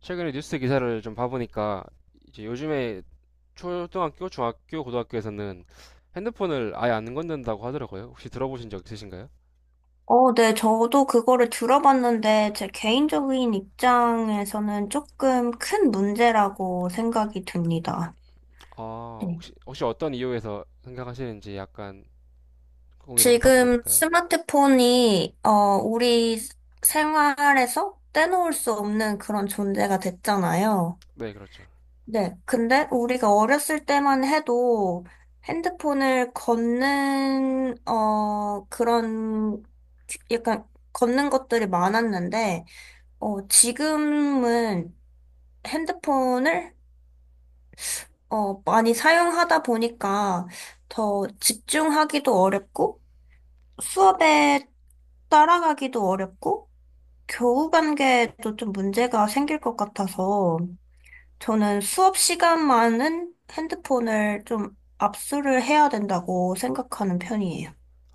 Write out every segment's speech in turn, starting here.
최근에 뉴스 기사를 좀 봐보니까 이제 요즘에 초등학교, 중학교, 고등학교에서는 핸드폰을 아예 안 건넨다고 하더라고요. 혹시 들어보신 적 있으신가요? 저도 그거를 들어봤는데, 제 개인적인 입장에서는 조금 큰 문제라고 생각이 듭니다. 아, 네. 혹시 어떤 이유에서 생각하시는지 약간 공유를 부탁드려도 지금 될까요? 스마트폰이, 우리 생활에서 떼놓을 수 없는 그런 존재가 됐잖아요. 네, 그렇죠. 네. 근데 우리가 어렸을 때만 해도 핸드폰을 걷는, 어, 그런, 약간 걷는 것들이 많았는데, 지금은 핸드폰을 많이 사용하다 보니까 더 집중하기도 어렵고 수업에 따라가기도 어렵고 교우 관계도 좀 문제가 생길 것 같아서 저는 수업 시간만은 핸드폰을 좀 압수를 해야 된다고 생각하는 편이에요.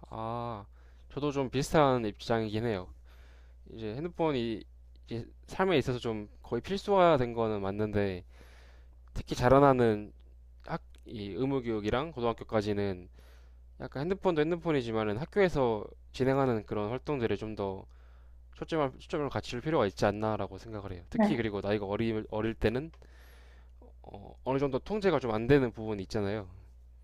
아, 저도 좀 비슷한 입장이긴 해요. 이제 핸드폰이 이제 삶에 있어서 좀 거의 필수화 된 거는 맞는데 특히 자라나는 이 의무교육이랑 고등학교까지는 약간 핸드폰도 핸드폰이지만은 학교에서 진행하는 그런 활동들에 좀 더 초점을 갖출 필요가 있지 않나라고 생각을 해요. 특히 네. 그리고 나이가 어릴 때는 어느 정도 통제가 좀 안 되는 부분이 있잖아요.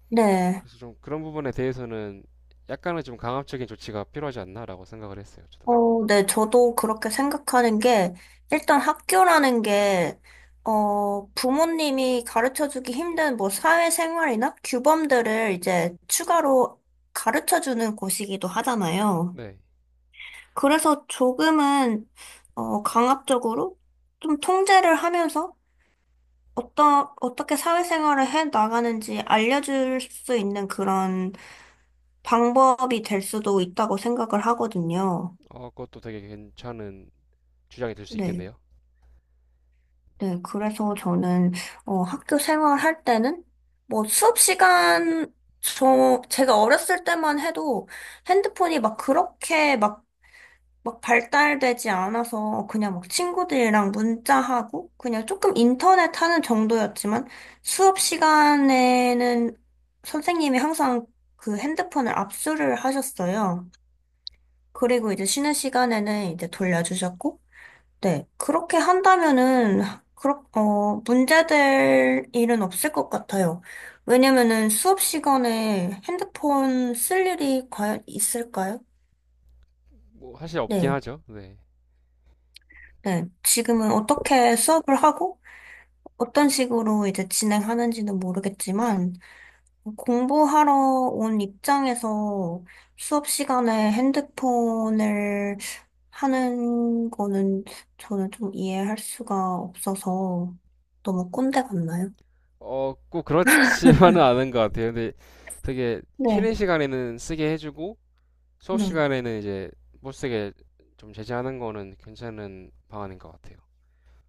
네. 그래서 좀 그런 부분에 대해서는 약간은 좀 강압적인 조치가 필요하지 않나라고 생각을 했어요, 저도. 저도 그렇게 생각하는 게, 일단 학교라는 게, 부모님이 가르쳐주기 힘든 뭐 사회생활이나 규범들을 이제 추가로 가르쳐주는 곳이기도 하잖아요. 네. 그래서 조금은, 강압적으로 좀 통제를 하면서 어떻게 사회생활을 해 나가는지 알려줄 수 있는 그런 방법이 될 수도 있다고 생각을 하거든요. 그것도 되게 괜찮은 주장이 될 수 네. 있겠네요. 네, 그래서 저는 학교 생활할 때는 뭐 수업 시간 제가 어렸을 때만 해도 핸드폰이 막 그렇게 막 발달되지 않아서 그냥 막 친구들이랑 문자하고 그냥 조금 인터넷 하는 정도였지만 수업 시간에는 선생님이 항상 그 핸드폰을 압수를 하셨어요. 그리고 이제 쉬는 시간에는 이제 돌려주셨고 네. 그렇게 한다면은, 문제될 일은 없을 것 같아요. 왜냐면은 수업 시간에 핸드폰 쓸 일이 과연 있을까요? 뭐, 사실 없긴 네. 하죠. 네. 네. 지금은 어떻게 수업을 하고, 어떤 식으로 이제 진행하는지는 모르겠지만, 공부하러 온 입장에서 수업 시간에 핸드폰을 하는 거는 저는 좀 이해할 수가 없어서 너무 꼰대 같나요? 꼭 그렇지만은 네, 않은 것 같아요. 근데 되게 네, 쉬는 시간에는 쓰게 해주고, 수업 시간에는 이제 못 쓰게 좀 제재하는 거는 괜찮은 방안인 것 같아요.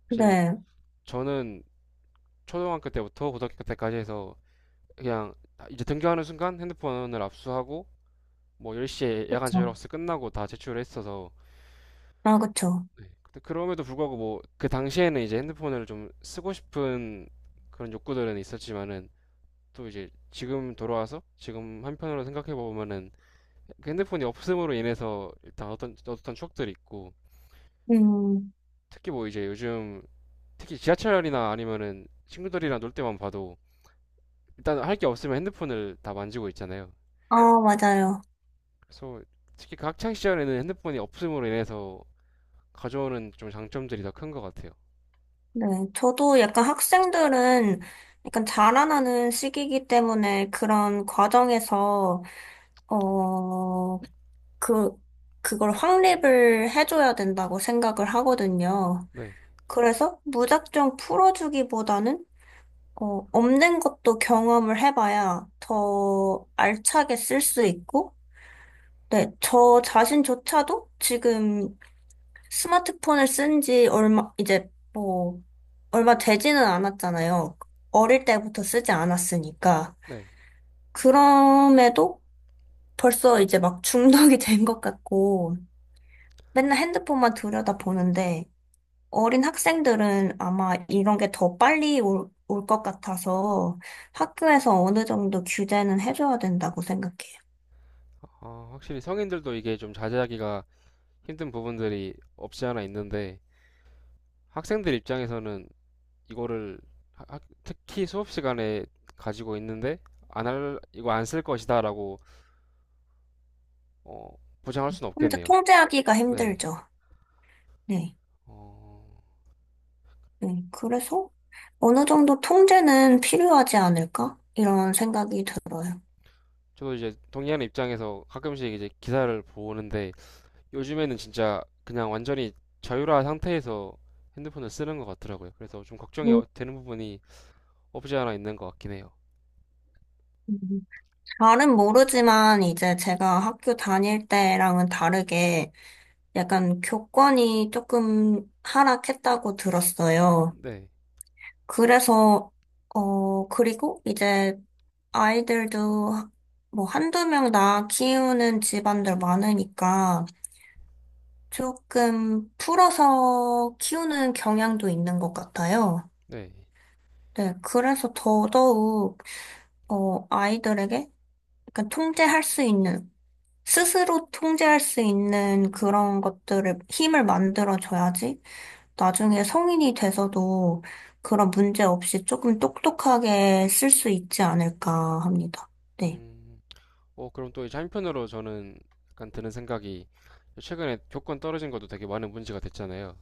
사실 네, 저는 초등학교 때부터 고등학교 때까지 해서 그냥 아, 이제 등교하는 순간 핸드폰을 압수하고 뭐 10시에 야간 그쵸. 자율학습 끝나고 다 제출을 했어서 아, 그쵸. 네. 근데 그럼에도 불구하고 뭐 그 당시에는 이제 핸드폰을 좀 쓰고 싶은 그런 욕구들은 있었지만은 또 이제 지금 돌아와서 지금 한편으로 생각해 보면은 그 핸드폰이 없음으로 인해서 일단 어떤 추억들이 있고 음, 특히 뭐 이제 요즘 특히 지하철이나 아니면은 친구들이랑 놀 때만 봐도 일단 할 게 없으면 핸드폰을 다 만지고 있잖아요. 아, 맞아요. 그래서 특히 그 학창 시절에는 핸드폰이 없음으로 인해서 가져오는 좀 장점들이 더 큰 것 같아요. 네, 저도 약간 학생들은 약간 자라나는 시기이기 때문에 그런 과정에서, 어, 그, 그걸 확립을 해줘야 된다고 생각을 하거든요. 네, 그래서 무작정 풀어주기보다는, 없는 것도 경험을 해봐야 더 알차게 쓸 수 있고, 네, 저 자신조차도 지금 스마트폰을 쓴 지 얼마 되지는 않았잖아요. 어릴 때부터 쓰지 않았으니까. 네. 그럼에도 벌써 이제 막 중독이 된 것 같고, 맨날 핸드폰만 들여다보는데, 어린 학생들은 아마 이런 게 더 빨리 올 것 같아서 학교에서 어느 정도 규제는 해줘야 된다고 생각해요. 아, 확실히 성인들도 이게 좀 자제하기가 힘든 부분들이 없지 않아 있는데 학생들 입장에서는 이거를 특히 수업 시간에 가지고 있는데 안 할, 이거 안 쓸 것이다라고 어, 보장할 수는 혼자 없겠네요. 통제하기가 네. 힘들죠. 네. 어, 네, 그래서 어느 정도 통제는 필요하지 않을까? 이런 생각이 들어요. 저도 이제 동의하는 입장에서 가끔씩 이제 기사를 보는데 요즘에는 진짜 그냥 완전히 자유화 상태에서 핸드폰을 쓰는 것 같더라고요. 그래서 좀 걱정이 음, 되는 부분이 없지 않아 있는 것 같긴 해요. 음. 잘은 모르지만 이제 제가 학교 다닐 때랑은 다르게 약간 교권이 조금 하락했다고 들었어요. 네, 그래서, 그리고 이제 아이들도 뭐 한두 명 낳아 키우는 집안들 많으니까 조금 풀어서 키우는 경향도 있는 것 같아요. 네. 네, 그래서 더더욱, 아이들에게 약간 통제할 수 있는, 스스로 통제할 수 있는 그런 것들을, 힘을 만들어줘야지, 나중에 성인이 돼서도 그런 문제 없이 조금 똑똑하게 쓸 수 있지 않을까 합니다. 네. 음, 그럼 또 이제 한편으로 저는 약간 드는 생각이 최근에 교권 떨어진 것도 되게 많은 문제가 됐잖아요.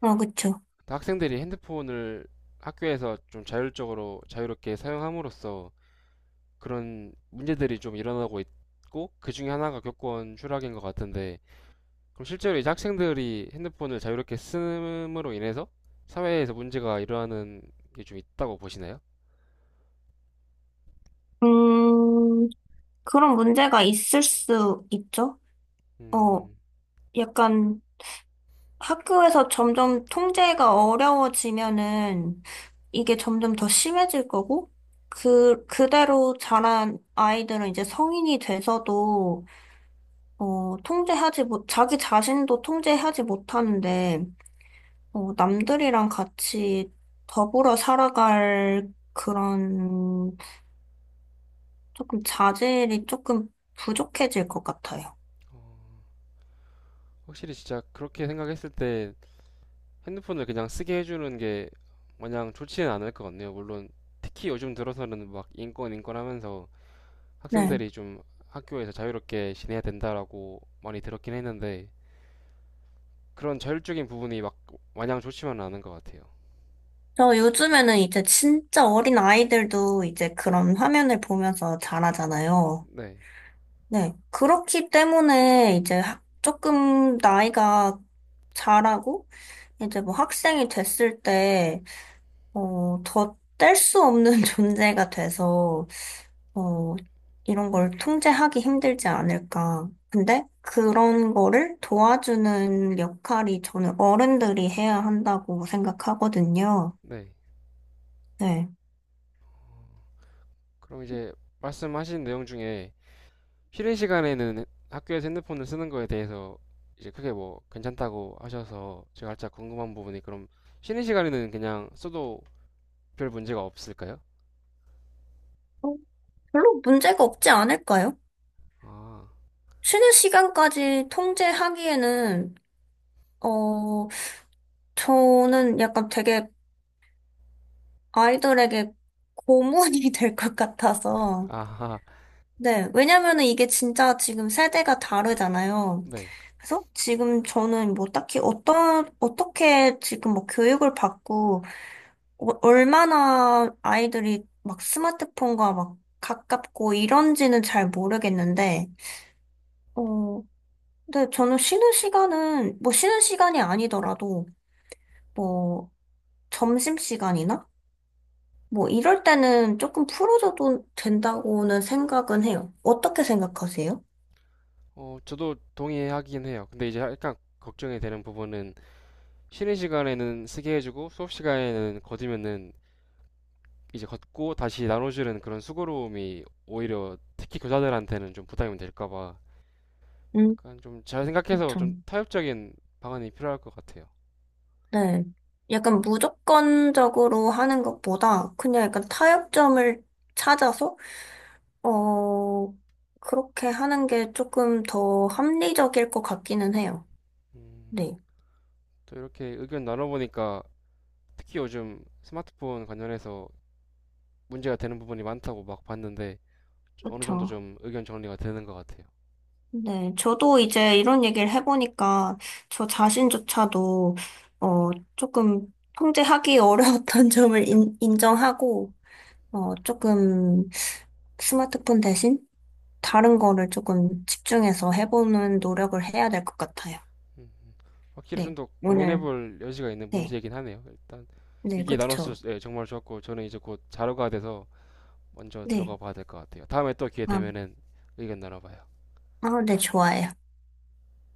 아, 그쵸. 학생들이 핸드폰을 학교에서 좀 자율적으로 자유롭게 사용함으로써 그런 문제들이 좀 일어나고 있고 그 중에 하나가 교권 추락인 것 같은데 그럼 실제로 이제 학생들이 핸드폰을 자유롭게 쓰므로 인해서 사회에서 문제가 일어나는 게 좀 있다고 보시나요? 음, 그런 문제가 있을 수 있죠? 어, 음, 약간, 학교에서 점점 통제가 어려워지면은 이게 점점 더 심해질 거고, 그대로 자란 아이들은 이제 성인이 돼서도, 어, 통제하지 못, 자기 자신도 통제하지 못하는데, 남들이랑 같이 더불어 살아갈 그런 조금 자질이 조금 부족해질 것 같아요. 확실히 진짜 그렇게 생각했을 때 핸드폰을 그냥 쓰게 해주는 게 마냥 좋지는 않을 것 같네요. 물론 특히 요즘 들어서는 막 인권 인권 하면서 네. 학생들이 좀 학교에서 자유롭게 지내야 된다라고 많이 들었긴 했는데 그런 자율적인 부분이 막 마냥 좋지만은 않은 것 같아요. 저 요즘에는 이제 진짜 어린 아이들도 이제 그런 화면을 보면서 자라잖아요. 네, 네. 그렇기 때문에 이제 조금 나이가 자라고 이제 뭐 학생이 됐을 때, 더 뗄 수 없는 존재가 돼서, 어, 이런 걸 통제하기 힘들지 않을까. 근데 그런 거를 도와주는 역할이 저는 어른들이 해야 한다고 생각하거든요. 네. 네. 그럼 이제 말씀하신 내용 중에 쉬는 시간에는 학교에서 핸드폰을 쓰는 거에 대해서 이제 크게 뭐 괜찮다고 하셔서 제가 살짝 궁금한 부분이 그럼 쉬는 시간에는 그냥 써도 별 문제가 없을까요? 어, 별로 문제가 없지 않을까요? 아, 쉬는 시간까지 통제하기에는, 어, 저는 약간 되게 아이들에게 고문이 될 것 같아서. 아하, 네, 왜냐면은 이게 진짜 지금 세대가 다르잖아요. 네. 그래서 지금 저는 뭐 딱히 어떻게 지금 뭐 교육을 받고, 얼마나 아이들이 막 스마트폰과 막 가깝고 이런지는 잘 모르겠는데, 어, 근데 저는 쉬는 시간은, 뭐 쉬는 시간이 아니더라도, 뭐, 점심시간이나? 뭐 이럴 때는 조금 풀어줘도 된다고는 생각은 해요. 어떻게 생각하세요? 저도 동의하긴 해요. 근데 이제 약간 걱정이 되는 부분은 쉬는 시간에는 쓰게 해주고 수업 시간에는 거두면은 이제 걷고 다시 나눠주는 그런 수고로움이 오히려 특히 교사들한테는 좀 부담이 될까 봐. 음, 약간 좀 잘 생각해서 그렇죠. 좀 타협적인 방안이 필요할 것 같아요. 네. 약간 무조건적으로 하는 것보다 그냥 약간 타협점을 찾아서, 어, 그렇게 하는 게 조금 더 합리적일 것 같기는 해요. 음, 네. 또 이렇게 의견 나눠보니까 특히 요즘 스마트폰 관련해서 문제가 되는 부분이 많다고 막 봤는데 어느 정도 그렇죠. 좀 의견 정리가 되는 것 같아요. 네, 저도 이제 이런 얘기를 해보니까 저 자신조차도 어 조금 통제하기 어려웠던 점을 인정하고 조금 스마트폰 대신 다른 거를 조금 집중해서 해보는 노력을 해야 될 것 같아요. 확실히 좀 네, 더 오늘 고민해볼 여지가 있는 네, 문제이긴 하네요. 일단 네, 이게 나눴을 그쵸. 때 정말 좋았고 저는 이제 곧 자료가 돼서 먼저 네, 들어가 봐야 될 것 같아요. 다음에 또 기회 아, 되면은 의견 나눠봐요. 아, 네, 좋아요.